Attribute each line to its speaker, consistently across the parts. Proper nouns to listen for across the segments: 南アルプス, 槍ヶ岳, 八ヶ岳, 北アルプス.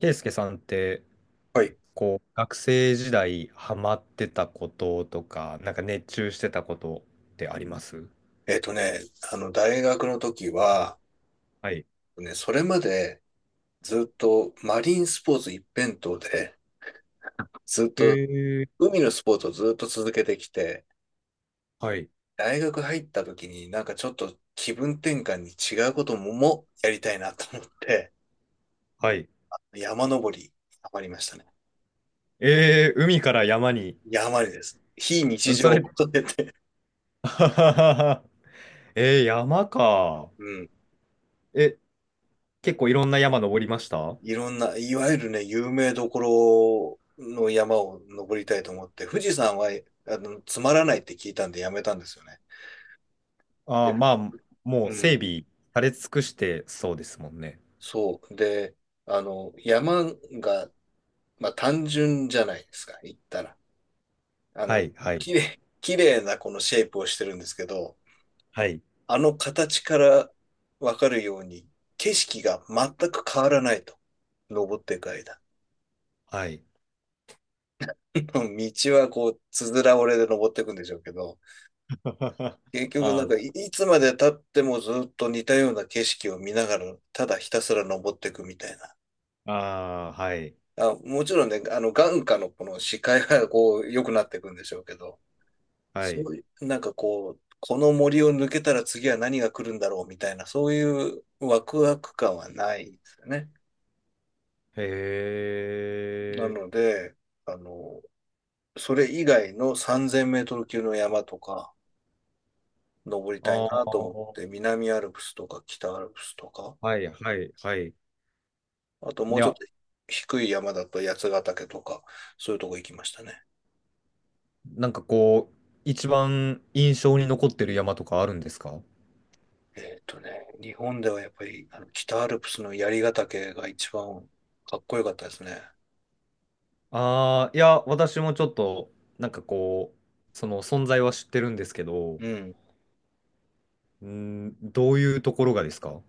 Speaker 1: ケイスケさんって、
Speaker 2: はい。
Speaker 1: こう、学生時代ハマってたこととか、なんか熱中してたことってあります？
Speaker 2: えっとね、大学の時は、
Speaker 1: はい。
Speaker 2: ね、それまでずっとマリンスポーツ一辺倒で、ずっ
Speaker 1: え
Speaker 2: と
Speaker 1: ー、
Speaker 2: 海のスポーツをずっと続けてきて、
Speaker 1: はい。
Speaker 2: 大学入った時にちょっと気分転換に違うことももやりたいなと思って、
Speaker 1: はい。
Speaker 2: 山登り、ハマりましたね。
Speaker 1: えー、海から山に。
Speaker 2: 山にです。非
Speaker 1: あ
Speaker 2: 日
Speaker 1: のそ
Speaker 2: 常を
Speaker 1: れ、
Speaker 2: 求めて。
Speaker 1: あはははえー、山か。
Speaker 2: うん。
Speaker 1: え、結構いろんな山登りましたあ？
Speaker 2: いろんな、いわゆるね、有名どころの山を登りたいと思って、富士山は、つまらないって聞いたんでやめたんですよね。
Speaker 1: あ
Speaker 2: で、
Speaker 1: ー、まあ、もう
Speaker 2: う
Speaker 1: 整
Speaker 2: ん、
Speaker 1: 備され尽くしてそうですもんね。
Speaker 2: そう。で、山が、まあ、単純じゃないですか、行ったら。あ
Speaker 1: は
Speaker 2: の、
Speaker 1: い、はい、
Speaker 2: 綺麗なこのシェイプをしてるんですけど、
Speaker 1: はい、
Speaker 2: あの形からわかるように、景色が全く変わらないと。登っていく間。
Speaker 1: はい。
Speaker 2: 道はこう、つづら折れで登っていくんでしょうけど、結局
Speaker 1: あー、
Speaker 2: いつまで経ってもずっと似たような景色を見ながら、ただひたすら登っていくみたいな。
Speaker 1: あー、はい、
Speaker 2: あ、もちろんね、あの、眼下のこの視界がこう、良くなっていくんでしょうけど、
Speaker 1: は
Speaker 2: そ
Speaker 1: い。
Speaker 2: ういう、なんかこう、この森を抜けたら次は何が来るんだろうみたいな、そういうワクワク感はないんですよね。
Speaker 1: へえ。
Speaker 2: なので、あの、それ以外の3000メートル級の山とか、登りたい
Speaker 1: あ
Speaker 2: な
Speaker 1: あ、
Speaker 2: と思って、南アルプスとか北アルプスとか、
Speaker 1: はいはいはい。い
Speaker 2: あともうちょっ
Speaker 1: や、
Speaker 2: と低い山だと八ヶ岳とか、そういうとこ行きましたね。
Speaker 1: なんかこう、一番印象に残ってる山とかあるんですか？
Speaker 2: えっとね、日本ではやっぱりあの北アルプスの槍ヶ岳が一番かっこよかったですね。
Speaker 1: ああー、いや、私もちょっと、なんかこう、その存在は知ってるんですけど、
Speaker 2: うん。
Speaker 1: うん、どういうところがですか？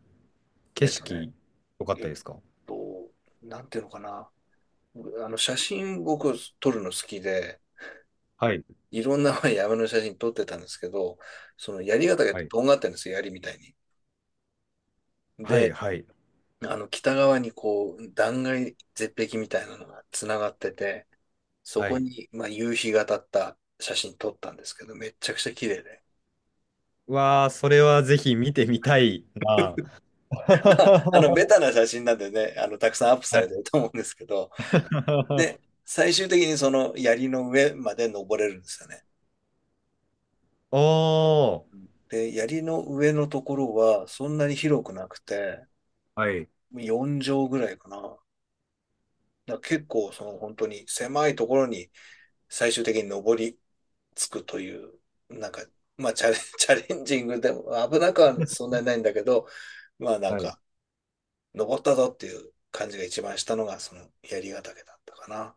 Speaker 1: 景
Speaker 2: えっとね、
Speaker 1: 色、良かっ
Speaker 2: え
Speaker 1: た
Speaker 2: っ
Speaker 1: ですか？
Speaker 2: と、なんていうのかな。あの写真僕撮るの好きで、
Speaker 1: はい、
Speaker 2: いろんなまあ山の写真撮ってたんですけど、その槍ヶ岳っ
Speaker 1: は
Speaker 2: て
Speaker 1: い、
Speaker 2: とんがってるんですよ、槍みたいに。
Speaker 1: は
Speaker 2: で、
Speaker 1: い、はい、
Speaker 2: あの北側にこう断崖絶壁みたいなのがつながってて、そ
Speaker 1: は
Speaker 2: こ
Speaker 1: い。
Speaker 2: に、まあ、夕日が当たった写真撮ったんですけど、めっちゃくちゃ綺麗で。
Speaker 1: わあ、それはぜひ見てみたいな。
Speaker 2: まあ、あの、
Speaker 1: は
Speaker 2: ベタな写真なんでね、あの、たくさんアップされてる
Speaker 1: い。
Speaker 2: と思うんですけど、で、最終的にその槍の上まで登れるんですよね。
Speaker 1: おー、
Speaker 2: で、槍の上のところはそんなに広くなくて、
Speaker 1: はい。
Speaker 2: 4畳ぐらいかな。だから結構その本当に狭いところに最終的に登りつくという、なんか、まあチャレン、チャレンジングでも危なくはそんなにないんだけど、まあなん
Speaker 1: はい。
Speaker 2: か、登ったぞっていう感じが一番したのが、その槍ヶ岳だったかな。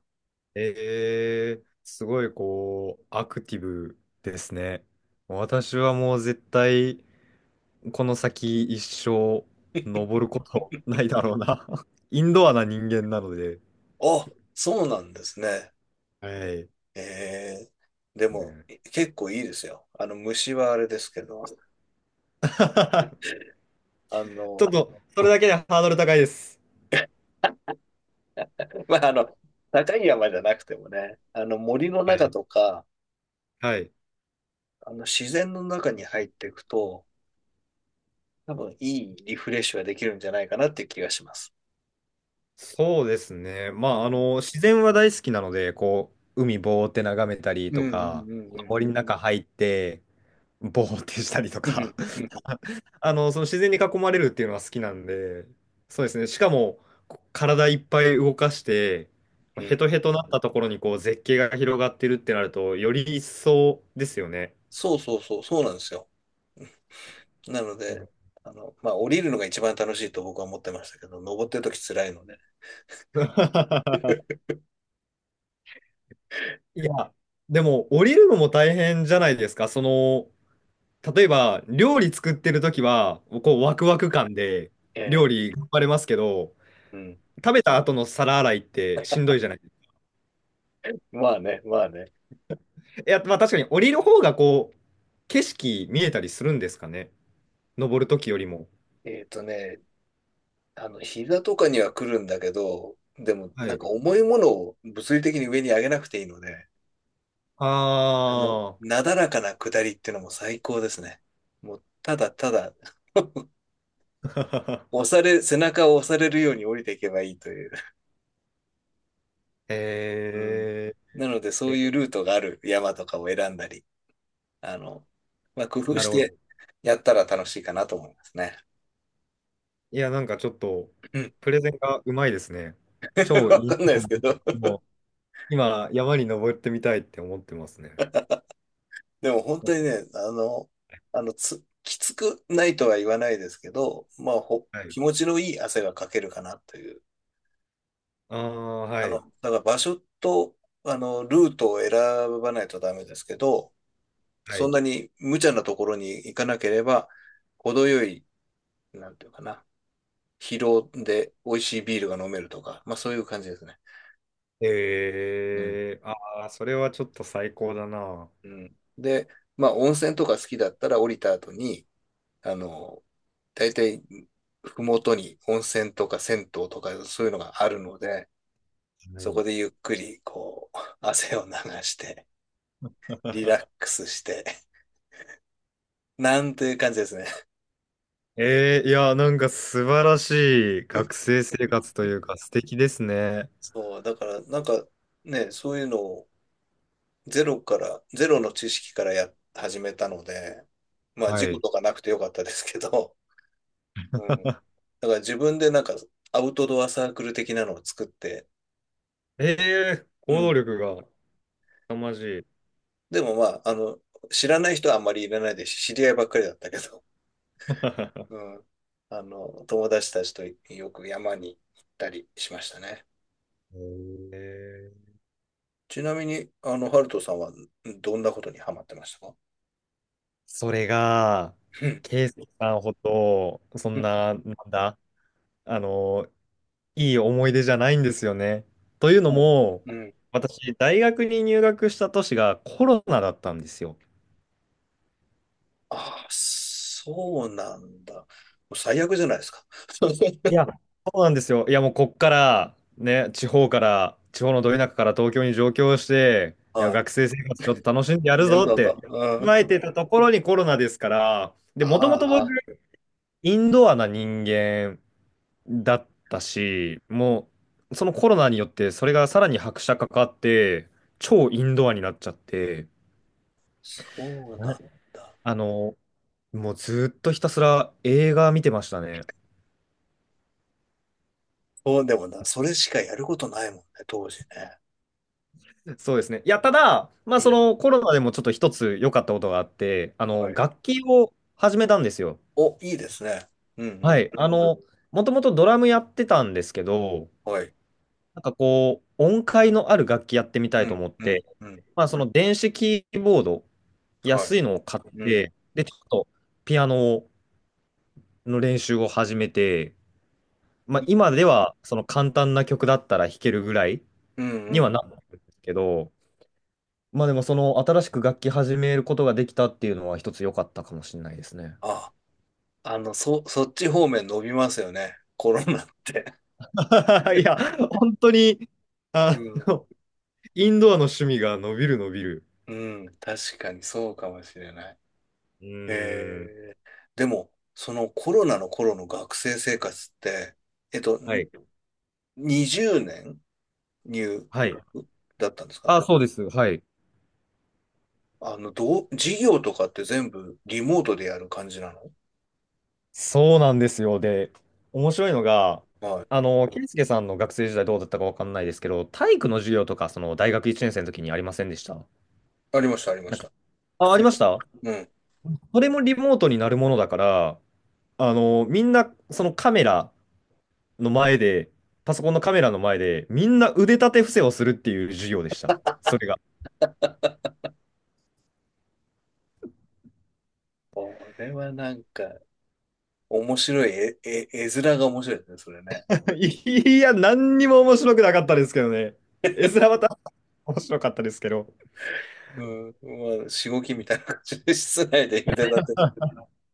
Speaker 1: えー、すごいこう、アクティブですね。私はもう絶対、この先一生、登ることないだろうな。インドアな人間なので。
Speaker 2: あ、そうなんですね。
Speaker 1: はい。
Speaker 2: えー、でも、
Speaker 1: ね。
Speaker 2: 結構いいですよ。あの、虫はあれですけど、あ
Speaker 1: ちょっ
Speaker 2: の、
Speaker 1: と、それだけでハードル高いです。
Speaker 2: まあ、あの、高い山じゃなくてもね、あの、森の
Speaker 1: は
Speaker 2: 中
Speaker 1: い。
Speaker 2: とか、
Speaker 1: はい。
Speaker 2: あの、自然の中に入っていくと、多分いいリフレッシュができるんじゃないかなっていう気がします。
Speaker 1: そうですね。ま
Speaker 2: う
Speaker 1: あ、あ
Speaker 2: ん。
Speaker 1: の、自然は大好きなので、こう、海ぼーって眺めたり
Speaker 2: うん
Speaker 1: と
Speaker 2: う
Speaker 1: か、
Speaker 2: んうんうん。
Speaker 1: 森の中入って、ぼーってしたりと
Speaker 2: う
Speaker 1: か
Speaker 2: んうん
Speaker 1: あの、その自然に囲まれるっていうのは好きなんで、そうですね。しかも、こ体いっぱい動かして、
Speaker 2: うんう
Speaker 1: ヘ
Speaker 2: ん。
Speaker 1: トヘトなったところにこう絶景が広がってるってなると、より一層ですよね。
Speaker 2: そうそうそう、そうなんですよ。なの
Speaker 1: う
Speaker 2: で、
Speaker 1: ん。
Speaker 2: あの、まあ、降りるのが一番楽しいと僕は思ってましたけど、登ってるとき辛いので。
Speaker 1: いや、でも降りるのも大変じゃないですか？その、例えば料理作ってる時は、こうワクワク感で
Speaker 2: え
Speaker 1: 料
Speaker 2: え、
Speaker 1: 理頑張れますけど、
Speaker 2: うん。
Speaker 1: 食べた後の皿洗いってしんどいじゃないですか？
Speaker 2: まあね、まあね。
Speaker 1: いや、まあ確かに降りる方がこう、景色見えたりするんですかね。登るときよりも。
Speaker 2: えっとね、あの、膝とかには来るんだけど、でも、
Speaker 1: は
Speaker 2: なん
Speaker 1: い。
Speaker 2: か重いものを物理的に上に上げなくていいので、
Speaker 1: あ
Speaker 2: あの、なだらかな下りっていうのも最高ですね。もう、ただただ
Speaker 1: あ。
Speaker 2: 押 され、背中を押されるように降りていけばいいという。うん。
Speaker 1: え
Speaker 2: なので、
Speaker 1: ー、
Speaker 2: そう
Speaker 1: え、
Speaker 2: いうルートがある山とかを選んだり、あの、まあ、工夫
Speaker 1: な
Speaker 2: し
Speaker 1: るほ
Speaker 2: て
Speaker 1: ど。
Speaker 2: やったら楽しいかなと思いますね。
Speaker 1: いや、なんかちょっと、
Speaker 2: うん。
Speaker 1: プレゼンがうまいですね。超
Speaker 2: わ
Speaker 1: いい。
Speaker 2: かんないですけど。
Speaker 1: もう今、山に登ってみたいって思ってますね。
Speaker 2: でも本当にね、あの、きつくないとは言わないですけど、まあ、
Speaker 1: はい。
Speaker 2: 気持ちのいい汗がかけるかなという。
Speaker 1: ああ、は
Speaker 2: あの、
Speaker 1: い。
Speaker 2: だから場所と、あの、ルートを選ばないとダメですけど、
Speaker 1: は
Speaker 2: そん
Speaker 1: い。
Speaker 2: なに無茶なところに行かなければ、程よい、なんていうかな、疲労で美味しいビールが飲めるとか、まあそういう感じですね。うん。
Speaker 1: えー、ああ、それはちょっと最高だな。は
Speaker 2: うん。で、まあ、温泉とか好きだったら降りた後に、あの、大体、ふもとに温泉とか銭湯とかそういうのがあるので、そこ
Speaker 1: い。
Speaker 2: でゆっくり、こう、汗を流して、リラックスして、なんていう感じですね。
Speaker 1: えー、いや、なんか素晴らしい学生生活というか素敵ですね。
Speaker 2: そう、だから、なんか、ね、そういうのをゼロから、ゼロの知識からや、始めたので、まあ、事
Speaker 1: は
Speaker 2: 故
Speaker 1: い。
Speaker 2: とかなくてよかったですけど、うん。だから自分でなんか、アウトドアサークル的なのを作って、
Speaker 1: えー、
Speaker 2: う
Speaker 1: 行動
Speaker 2: ん。
Speaker 1: 力が凄まじい。
Speaker 2: でもまあ、あの、知らない人はあんまりいらないですし、知り合いばっかりだったけど、う
Speaker 1: え
Speaker 2: ん。あの、友達たちとよく山に行ったりしましたね。
Speaker 1: ー
Speaker 2: ちなみに、あの、ハルトさんはどんなことにハマってましたか？
Speaker 1: それが、
Speaker 2: うん
Speaker 1: ケイスケさんほど、そ
Speaker 2: う
Speaker 1: ん
Speaker 2: ん
Speaker 1: な、なんだ、あの、いい思い出じゃないんですよね。という の
Speaker 2: うん
Speaker 1: も、
Speaker 2: うん
Speaker 1: 私、大学に入学した年がコロナだったんですよ。
Speaker 2: ああ、そうなんだ。もう最悪じゃないですか。
Speaker 1: い や、そうなんですよ。いや、もうこっから、ね、地方から、地方のど田舎から東京に上京して、いや、
Speaker 2: は
Speaker 1: 学生生活ちょっと楽しんでや
Speaker 2: い。
Speaker 1: る
Speaker 2: やる
Speaker 1: ぞっ
Speaker 2: だ
Speaker 1: て、
Speaker 2: と。う
Speaker 1: 考え
Speaker 2: ん。
Speaker 1: てたところにコロナですから、で、もともと
Speaker 2: あ
Speaker 1: 僕、
Speaker 2: あ、
Speaker 1: インドアな人間だったし、もう、そのコロナによって、それがさらに拍車かかって、超インドアになっちゃって、
Speaker 2: そう
Speaker 1: は
Speaker 2: な
Speaker 1: い。
Speaker 2: んだ。
Speaker 1: あの、もうずっとひたすら映画見てましたね。
Speaker 2: そう、でもな、それしかやることないもんね、当時ね。
Speaker 1: そうですね。いや、ただ、まあ、
Speaker 2: う
Speaker 1: そ
Speaker 2: ん。
Speaker 1: のコロナでもちょっと一つ良かったことがあって、あ
Speaker 2: は
Speaker 1: の、
Speaker 2: い。
Speaker 1: 楽器を始めたんですよ。
Speaker 2: お、いいですね。うんう
Speaker 1: は
Speaker 2: ん。
Speaker 1: い。あの、もともとドラムやってたんですけど、
Speaker 2: はい。
Speaker 1: なんかこう、音階のある楽器やってみた
Speaker 2: う
Speaker 1: いと
Speaker 2: ん
Speaker 1: 思っ
Speaker 2: うん
Speaker 1: て、
Speaker 2: うん。
Speaker 1: まあ、その電子キーボード、
Speaker 2: はい。
Speaker 1: 安いのを買っ
Speaker 2: うん。
Speaker 1: て、で、ちょっとピアノの練習を始めて、まあ、
Speaker 2: い
Speaker 1: 今ではその簡単な曲だったら弾けるぐらい
Speaker 2: うんう
Speaker 1: には
Speaker 2: ん。
Speaker 1: なったんですけど、まあでもその新しく楽器始めることができたっていうのは一つ良かったかもしれないですね。
Speaker 2: あ、そっち方面伸びますよね。コロナって。
Speaker 1: いや、本当に、
Speaker 2: う
Speaker 1: あ
Speaker 2: ん。
Speaker 1: の、インドアの趣味が伸びる伸びる。
Speaker 2: うん。確かにそうかもしれない。
Speaker 1: うーん。
Speaker 2: えー、でも、そのコロナの頃の学生生活って、えっと、
Speaker 1: は
Speaker 2: ん
Speaker 1: い。
Speaker 2: 20年入
Speaker 1: はい。
Speaker 2: 学だったんですか？
Speaker 1: あ、そうです。はい。
Speaker 2: あの、授業とかって全部リモートでやる感じなの？
Speaker 1: そうなんですよ。で、面白いのが、
Speaker 2: はい。
Speaker 1: あの、圭介さんの学生時代どうだったかわかんないですけど、体育の授業とか、その大学1年生の時にありませんでした？
Speaker 2: ありました、ありま
Speaker 1: なん
Speaker 2: し
Speaker 1: か、
Speaker 2: た。普
Speaker 1: あ、あり
Speaker 2: 通
Speaker 1: ま
Speaker 2: に。
Speaker 1: した？
Speaker 2: うん。
Speaker 1: それもリモートになるものだから、あの、みんな、そのカメラの前で、パソコンのカメラの前で、みんな腕立て伏せをするっていう授業でした。それが。
Speaker 2: これはなんか、面白い、え、え、絵面が面白いですね、それね。
Speaker 1: いや、何にも面白くなかったですけどね。絵面はた 面白かったですけど。
Speaker 2: うん、まあ、しごきみたいな感じで、室内で茹でたて、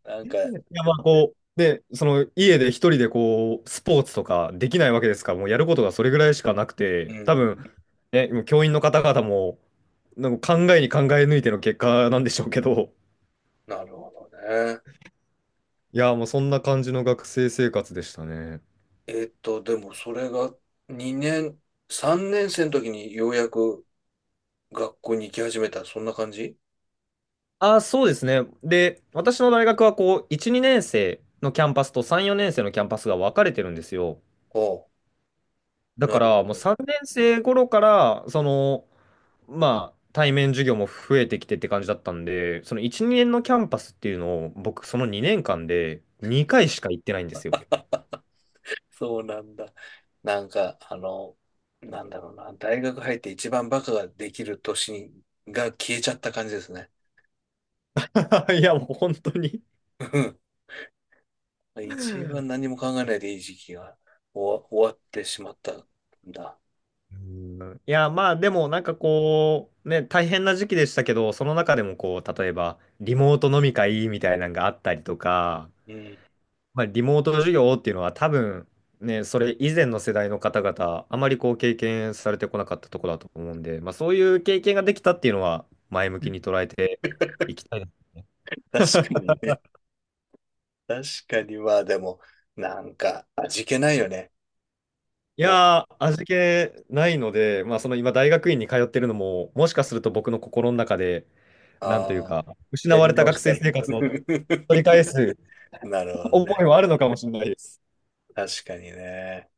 Speaker 2: なんか、
Speaker 1: いや、まあ、こう、で、その、家で一人でこう、スポーツとかできないわけですから、もうやることがそれぐらいしかなく
Speaker 2: うん、
Speaker 1: て、
Speaker 2: う
Speaker 1: 多分、
Speaker 2: ん、
Speaker 1: ね、もう教員の方々も、なんか考えに考え抜いての結果なんでしょうけど、
Speaker 2: なるほどね。
Speaker 1: いや、もうそんな感じの学生生活でしたね。
Speaker 2: えっと、でもそれが2年、3年生の時にようやく学校に行き始めた、そんな感じ？
Speaker 1: あ、そうですね。で、私の大学はこう、1、2年生のキャンパスと3、4年生のキャンパスが分かれてるんですよ。
Speaker 2: おう、
Speaker 1: だ
Speaker 2: な
Speaker 1: か
Speaker 2: るほ
Speaker 1: ら、もう
Speaker 2: ど。
Speaker 1: 3年生頃から、その、まあ、対面授業も増えてきてって感じだったんで、その1、2年のキャンパスっていうのを、僕、その2年間で2回しか行ってないんですよ。
Speaker 2: あ、そうなんだ。なんか、あの、なんだろうな、大学入って一番バカができる年が消えちゃった感じですね。
Speaker 1: いや、もう本当に。
Speaker 2: 何も考えないでいい時期が終わってしまったんだ。
Speaker 1: うん。いや、まあでもなんかこう、ね、大変な時期でしたけど、その中でもこう、例えばリモート飲み会みたいなのがあったりとか、
Speaker 2: うん。
Speaker 1: まあ、リモート授業っていうのは多分ね、それ以前の世代の方々、あまりこう経験されてこなかったところだと思うんで、まあ、そういう経験ができたっていうのは前向きに捉えていきたいな。
Speaker 2: 確かにね。確かに、まあでも、なんか、味気ないよね。
Speaker 1: い
Speaker 2: も
Speaker 1: やー、味気ないので、まあ、その今大学院に通ってるのも、もしかすると僕の心の中で、
Speaker 2: う、
Speaker 1: なんという
Speaker 2: ああ、
Speaker 1: か、失
Speaker 2: や
Speaker 1: わ
Speaker 2: り
Speaker 1: れた
Speaker 2: 直
Speaker 1: 学
Speaker 2: した
Speaker 1: 生
Speaker 2: い。
Speaker 1: 生活の取り 返す
Speaker 2: なるほど
Speaker 1: 思
Speaker 2: ね。
Speaker 1: いもあるのかもしれないです。
Speaker 2: 確かにね。